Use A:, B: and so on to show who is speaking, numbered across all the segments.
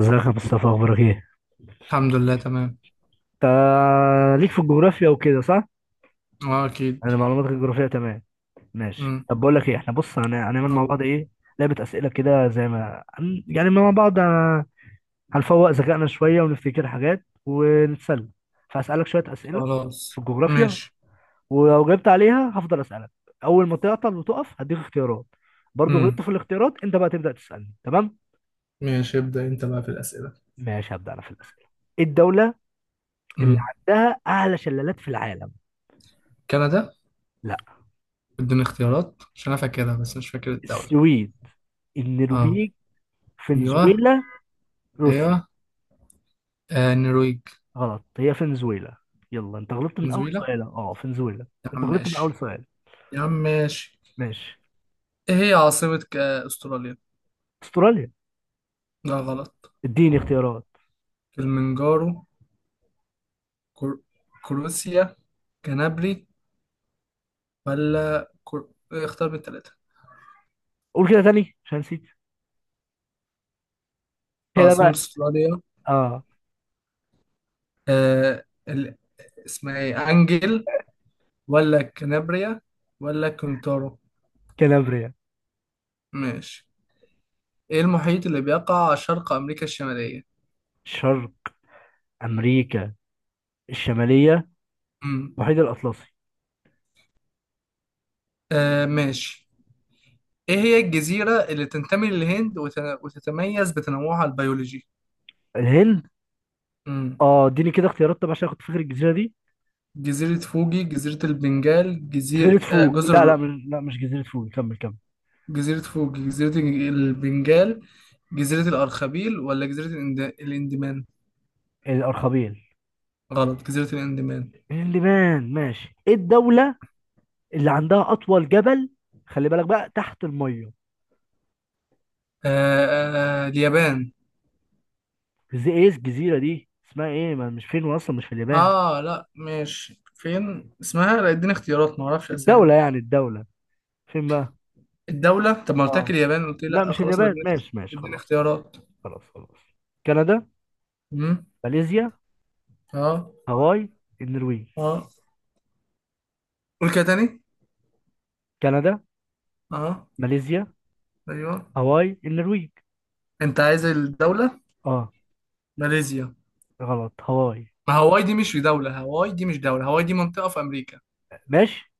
A: ازيك يا مصطفى، اخبارك ايه؟
B: الحمد لله تمام.
A: انت ليك في الجغرافيا وكده صح؟
B: اه، اكيد.
A: انا معلوماتك الجغرافية تمام. ماشي،
B: امم
A: طب بقول لك ايه، احنا بص هنعمل مع
B: قول.
A: بعض ايه، لعبة اسئلة كده زي ما يعني مع بعض هنفوق ذكائنا شوية ونفتكر حاجات ونتسلى. فهسألك شوية اسئلة في
B: خلاص.
A: الجغرافيا،
B: ماشي.
A: ولو جبت عليها هفضل اسألك. اول ما تعطل وتقف هديك اختيارات، برضو غلطت
B: امم
A: في الاختيارات انت بقى تبدأ تسألني، تمام؟
B: ماشي، ابدأ انت بقى في الأسئلة.
A: ماشي هبدأ انا في الاسئلة. ايه الدولة اللي
B: امم
A: عندها اعلى شلالات في العالم؟
B: كندا.
A: لا.
B: اديني اختيارات عشان انا فاكرها بس مش فاكر الدولة.
A: السويد،
B: اه.
A: النرويج،
B: ايوه.
A: فنزويلا،
B: ايوه.
A: روسيا.
B: آه، النرويج.
A: غلط، هي فنزويلا. يلا انت غلطت من اول
B: فنزويلا.
A: سؤال، اه فنزويلا.
B: يا عم
A: انت غلطت من اول
B: ماشي.
A: سؤال.
B: يا عم ماشي.
A: ماشي.
B: ايه هي عاصمة استراليا؟
A: استراليا.
B: لا، غلط.
A: اديني اختيارات.
B: كلمنجارو، كر... كروسيا، كنابري، ولا اختار من التلاتة.
A: قول كده تاني عشان نسيت كده
B: عاصمة
A: بقى.
B: استراليا.
A: اه
B: آه ال- اسمها ايه، انجل، ولا كنابريا، ولا كونتورو؟
A: كالابريا.
B: ماشي. ايه المحيط اللي بيقع شرق امريكا الشمالية؟
A: شرق امريكا الشماليه.
B: امم
A: المحيط الاطلسي.
B: آه، ماشي. ايه هي الجزيرة اللي تنتمي للهند وتتميز بتنوعها البيولوجي؟
A: الهند.
B: امم
A: اه اديني كده اختيارات طب عشان اخد فكره الجزيره دي.
B: جزيرة فوجي، جزيرة البنجال،
A: جزيره
B: جزيرة
A: فوق، لا لا
B: جزر.
A: لا مش جزيره فوق، كمل كمل.
B: جزيرة فوجي، جزيرة البنجال، جزيرة الأرخبيل، ولا جزيرة الإندمان؟
A: الارخبيل.
B: غلط، جزيرة الإندمان.
A: اللبنان. ماشي، ايه الدوله اللي عندها اطول جبل؟ خلي بالك بقى، تحت الميه،
B: اليابان.
A: زي ايه الجزيرة دي اسمها ايه؟ ما مش فين اصلا، مش في اليابان.
B: اه، لا، ماشي، فين اسمها؟ لا، اديني اختيارات، ما اعرفش اسامي.
A: الدولة يعني، الدولة فين بقى.
B: الدولة؟ طب ما قلت لك
A: اه
B: اليابان قلت لي
A: لا
B: لا،
A: مش
B: خلاص يبقى
A: اليابان، ماشي ماشي،
B: اديني
A: خلاص خلاص،
B: اختيارات.
A: خلاص خلاص. كندا،
B: امم
A: ماليزيا،
B: اه.
A: هاواي، النرويج.
B: اه، قول كده تاني.
A: كندا،
B: اه.
A: ماليزيا،
B: ايوه.
A: هاواي، النرويج.
B: انت عايز الدولة؟
A: اه.
B: ماليزيا.
A: غلط هاواي.
B: ما هواي دي مش دولة، هواي دي مش دولة، هواي دي منطقة في امريكا.
A: ماشي،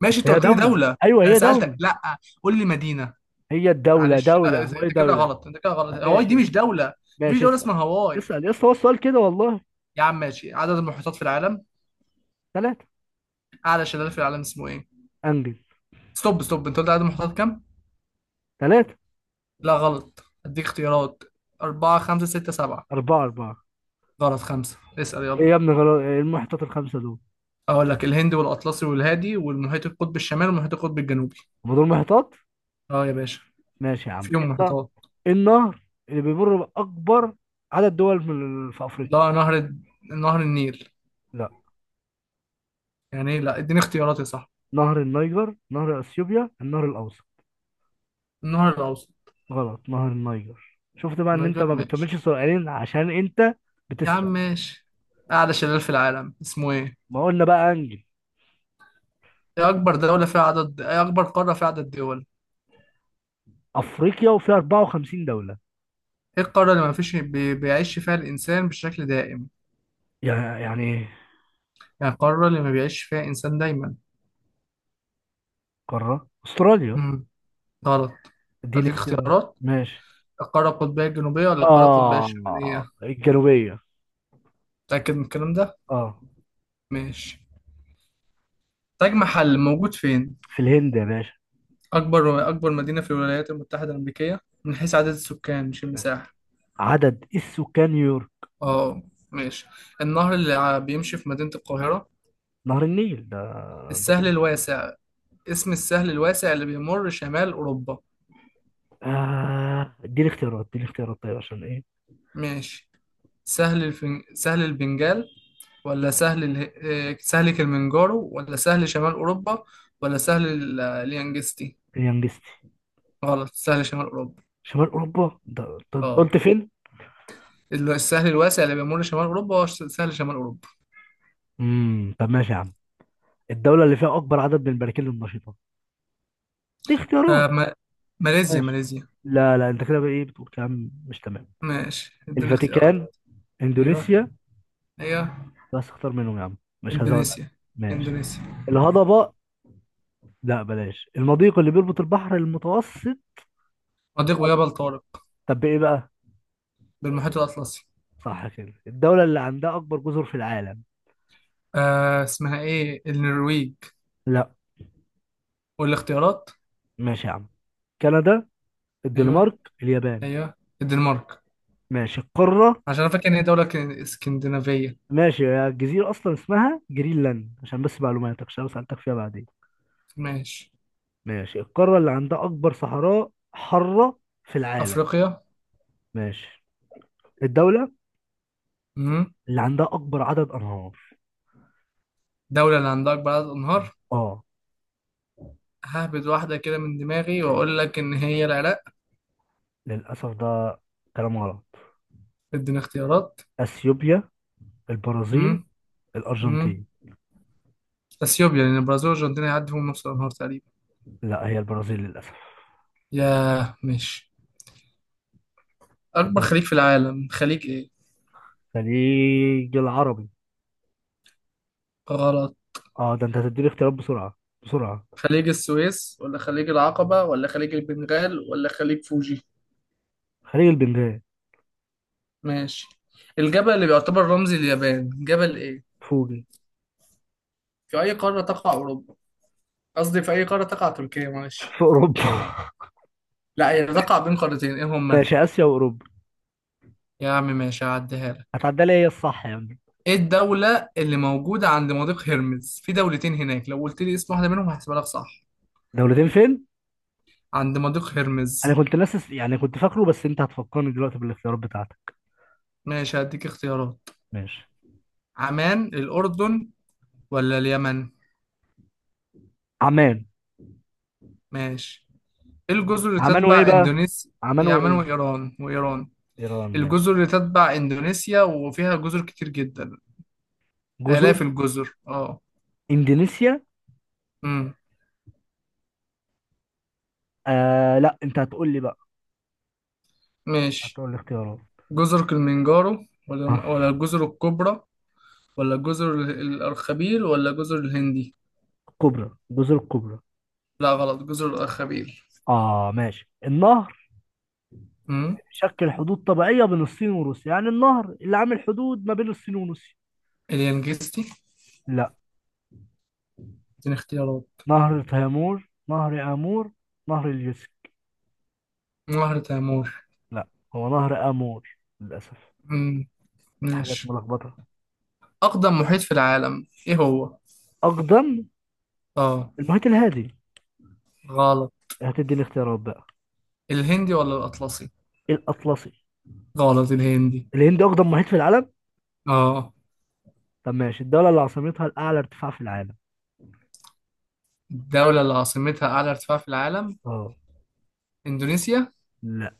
B: ماشي،
A: بس
B: انت
A: هي
B: قلت لي
A: دولة.
B: دولة.
A: ايوه
B: انا
A: هي دولة.
B: سألتك لا. قول لي مدينة.
A: هي الدولة
B: معلش
A: دولة،
B: لا،
A: هاواي
B: انت كده
A: دولة.
B: غلط، انت كده غلط، هواي
A: ماشي
B: دي
A: يا اسطى،
B: مش دولة. مفيش
A: ماشي
B: دولة
A: اسأل.
B: اسمها هواي.
A: اسأل يا اسطى، هو السؤال كده والله.
B: يا عم ماشي، عدد المحيطات في العالم؟
A: ثلاثة.
B: اعلى شلال في العالم اسمه ايه؟
A: انجز.
B: ستوب، ستوب، انت قلت عدد المحتويات كام؟
A: ثلاثة.
B: لا، غلط، اديك اختيارات. أربعة، خمسة، ستة، سبعة.
A: أربعة أربعة.
B: غلط، خمسة. اسأل
A: إيه
B: يلا.
A: يا ابني غلط، إيه المحيطات الخمسة دول؟
B: أقول لك الهند والأطلسي والهادي والمحيط القطب الشمالي والمحيط القطب الجنوبي.
A: هما دول محيطات؟
B: أه يا باشا.
A: ماشي يا عم، ايه
B: فيهم
A: النهر؟
B: محيطات.
A: إيه النهر اللي بيمر بأكبر عدد دول من في
B: ده
A: أفريقيا؟
B: نهر النيل.
A: لا.
B: يعني إيه؟ لا، اديني اختيارات يا صاحبي.
A: نهر النيجر، نهر أثيوبيا، النهر الأوسط.
B: النهر الأوسط.
A: غلط، نهر النيجر. شفت بقى ان انت
B: نيجر
A: ما
B: ماشي.
A: بتكملش سؤالين عشان انت
B: يا عم
A: بتسرق.
B: ماشي. أعلى شلال في العالم اسمه إيه؟
A: ما قلنا بقى انجل.
B: إيه أكبر دولة فيها عدد إيه أكبر قارة فيها عدد دول؟
A: افريقيا وفيها 54 دولة.
B: إيه القارة اللي ما فيش بيعيش فيها الإنسان بشكل دائم؟
A: يعني ايه؟
B: يعني القارة اللي ما بيعيش فيها إنسان دايما.
A: قارة استراليا.
B: مم. غلط.
A: اديني
B: هديك
A: اختيارات.
B: اختيارات.
A: ماشي.
B: القارة القطبية الجنوبية ولا القارة القطبية الشمالية؟
A: اه الجنوبية.
B: متأكد من الكلام ده؟
A: اه.
B: ماشي. تاج محل موجود فين؟
A: في الهند يا باشا.
B: أكبر مدينة في الولايات المتحدة الأمريكية، من حيث عدد السكان مش المساحة.
A: عدد السكان.
B: اه. ماشي. النهر اللي بيمشي في مدينة القاهرة.
A: نهر النيل ده.
B: السهل
A: بديهي.
B: الواسع. اسم السهل الواسع اللي بيمر شمال أوروبا.
A: آه اديني اختيارات، اديني اختيارات طيب عشان ايه.
B: ماشي. سهل البنجال، ولا سهل كلمنجارو، ولا سهل شمال أوروبا، ولا اليانجستي.
A: كده انجزتي.
B: غلط، سهل شمال أوروبا.
A: شمال اوروبا ده، طب
B: اه،
A: قلت فين؟
B: السهل الواسع اللي بيمر شمال أوروبا هو سهل شمال أوروبا.
A: طب ماشي يا عم، الدولة اللي فيها أكبر عدد من البراكين النشيطة، دي اختيارات.
B: آه ما... ماليزيا،
A: ماشي.
B: ماليزيا.
A: لا لا أنت كده بقى إيه، بتقول كلام مش تمام.
B: ماشي، اديني اختيارات.
A: الفاتيكان،
B: أيوه،
A: إندونيسيا.
B: أيوه.
A: بس اختار منهم يا عم، مش هزود عليك.
B: إندونيسيا،
A: ماشي.
B: إندونيسيا.
A: الهضبة، لا بلاش، المضيق اللي بيربط البحر المتوسط
B: مضيق
A: بالأطلس.
B: جبل طارق.
A: طب إيه بقى؟
B: بالمحيط الأطلسي.
A: صح كده. الدولة اللي عندها أكبر جزر في العالم.
B: اسمها إيه، النرويج؟
A: لا.
B: والاختيارات.
A: ماشي يا عم، كندا،
B: أيوه،
A: الدنمارك، اليابان.
B: أيوه، الدنمارك.
A: ماشي القارة.
B: عشان أنا فاكر إن هي دولة اسكندنافية.
A: ماشي يا، الجزيرة أصلا اسمها جرينلاند عشان بس معلوماتك عشان لو سألتك فيها بعدين.
B: ماشي.
A: ماشي، القارة اللي عندها أكبر صحراء حارة في العالم.
B: أفريقيا.
A: ماشي. الدولة
B: مم.
A: اللي عندها أكبر عدد أنهار.
B: دولة اللي عندها أكبر عدد أنهار.
A: آه.
B: ههبد واحدة كده من دماغي وأقول لك إن هي العراق.
A: للأسف ده كلام غلط.
B: ادينا اختيارات.
A: أثيوبيا، البرازيل،
B: امم امم
A: الأرجنتين.
B: اثيوبيا لان البرازيل والارجنتين هيعدوا نص النهار تقريبا.
A: لا هي البرازيل للأسف.
B: ياه، ماشي. اكبر
A: دول.
B: خليج في العالم خليج ايه؟
A: الخليج العربي.
B: غلط.
A: آه ده أنت هتديني اختيارات بسرعة بسرعة.
B: خليج السويس ولا خليج العقبة ولا خليج البنغال ولا خليج فوجي؟
A: خليج البنغال.
B: ماشي. الجبل اللي بيعتبر رمز اليابان جبل ايه؟
A: فوجي.
B: في اي قارة تقع اوروبا؟ قصدي في اي قارة تقع تركيا، معلش.
A: في اوروبا.
B: لا، هي تقع بين قارتين، ايه هما؟
A: ماشي، اسيا واوروبا.
B: يا عم ماشي، هعديها لك.
A: هتعدي لي، هي الصح يا عم.
B: ايه الدولة اللي موجودة عند مضيق هرمز، في دولتين هناك، لو قلت لي اسم واحدة منهم هحسبها لك صح.
A: دولتين فين؟
B: عند مضيق هرمز.
A: انا كنت ناسس، يعني كنت فاكره، بس انت هتفكرني دلوقتي بالاختيارات بتاعتك.
B: ماشي، هديك اختيارات.
A: ماشي.
B: عمان، الأردن، ولا اليمن؟
A: عمان.
B: ماشي. إيه الجزر اللي
A: عمان وايه
B: تتبع
A: بقى؟
B: إندونيسيا؟
A: عمان
B: هي عمان
A: وايه؟
B: وإيران
A: ايران. ماشي.
B: الجزر اللي تتبع إندونيسيا وفيها جزر كتير جدا.
A: جزر.
B: آلاف الجزر، اه.
A: اندونيسيا.
B: امم
A: آه لا انت هتقول لي بقى،
B: ماشي.
A: هتقول لي اختيارات.
B: جزر كلمنجارو،
A: آه،
B: ولا الجزر الكبرى، ولا جزر الأرخبيل، ولا جزر الهندي؟
A: الكبرى جزر الكبرى.
B: لا، غلط، جزر الأرخبيل.
A: اه ماشي، النهر
B: امم
A: شكل حدود طبيعية بين الصين وروسيا، يعني النهر اللي عامل حدود ما بين الصين وروسيا.
B: اليانجستي.
A: لا.
B: اديني اختيارات.
A: نهر تيمور، نهر امور، نهر اليوسف.
B: نهر تامور.
A: لا، هو نهر امور للاسف.
B: امم
A: حاجات
B: ماشي.
A: ملخبطه.
B: أقدم محيط في العالم إيه هو؟
A: اقدم.
B: آه.
A: المحيط الهادي.
B: غلط.
A: هتدي الاختيارات بقى.
B: الهندي ولا الأطلسي؟
A: الاطلسي.
B: غلط، الهندي.
A: الهند اقدم محيط في العالم.
B: آه.
A: طب ماشي، الدوله اللي عاصمتها الاعلى ارتفاع في العالم.
B: الدولة اللي عاصمتها أعلى ارتفاع في العالم.
A: اه.
B: إندونيسيا.
A: لا.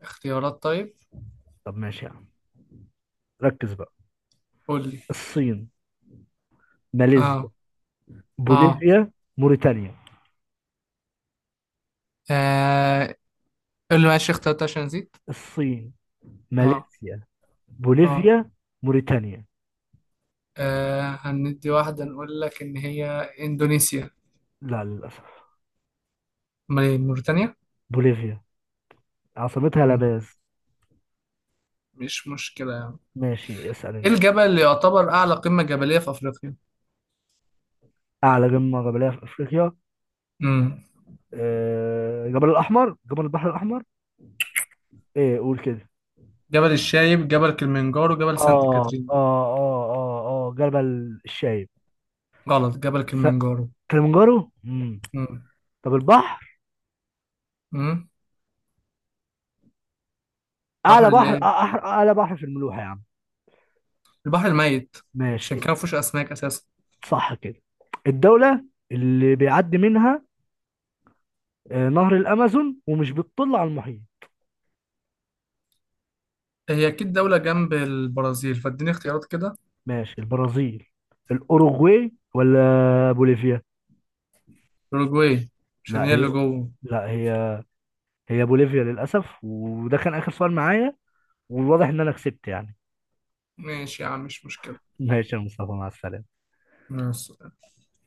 B: اختيارات طيب.
A: طب ماشي يا عم، ركز بقى.
B: قول لي.
A: الصين، ماليزيا،
B: آه آه
A: بوليفيا، موريتانيا.
B: آه، قول لي، ماشي، اختيارات عشان نسيت.
A: الصين،
B: آه
A: ماليزيا،
B: آه
A: بوليفيا، موريتانيا.
B: هندي واحدة نقول لك إن هي إندونيسيا.
A: لا للاسف،
B: أمال إيه موريتانيا؟
A: بوليفيا عاصمتها
B: مم،
A: لاباز.
B: مش مشكلة يعني.
A: ماشي اسال
B: إيه
A: انت.
B: الجبل اللي يعتبر أعلى قمة جبلية في أفريقيا؟
A: اعلى قمه جبليه في افريقيا.
B: مم.
A: آه، جبل الاحمر، جبل البحر الاحمر، ايه قول كده.
B: جبل الشايب، جبل كليمنجارو، جبل سانت
A: اه اه
B: كاترين.
A: اه اه اه جبل الشايب.
B: غلط، جبل
A: س-
B: كليمنجارو.
A: كليمنجارو امم.
B: مم.
A: طب البحر.
B: مم.
A: اعلى
B: بحر
A: بحر
B: الايه.
A: اعلى بحر في الملوحه يا عم.
B: البحر الميت. عشان
A: ماشي.
B: كده مفيهوش اسماك اساسا.
A: صح كده. الدوله اللي بيعدي منها آه، نهر الامازون ومش بتطل على المحيط.
B: هي اكيد دولة جنب البرازيل، فاديني اختيارات كده.
A: ماشي، البرازيل، الاوروغواي، ولا بوليفيا.
B: اوروجواي. عشان
A: لا
B: هي اللي
A: هي
B: جوه.
A: لا هي هي بوليفيا للاسف، وده كان اخر سؤال معايا، والواضح ان انا كسبت يعني.
B: ماشي يا عم، مش مشكلة.
A: ماشي يا مصطفى، مع السلامه.
B: ماشي.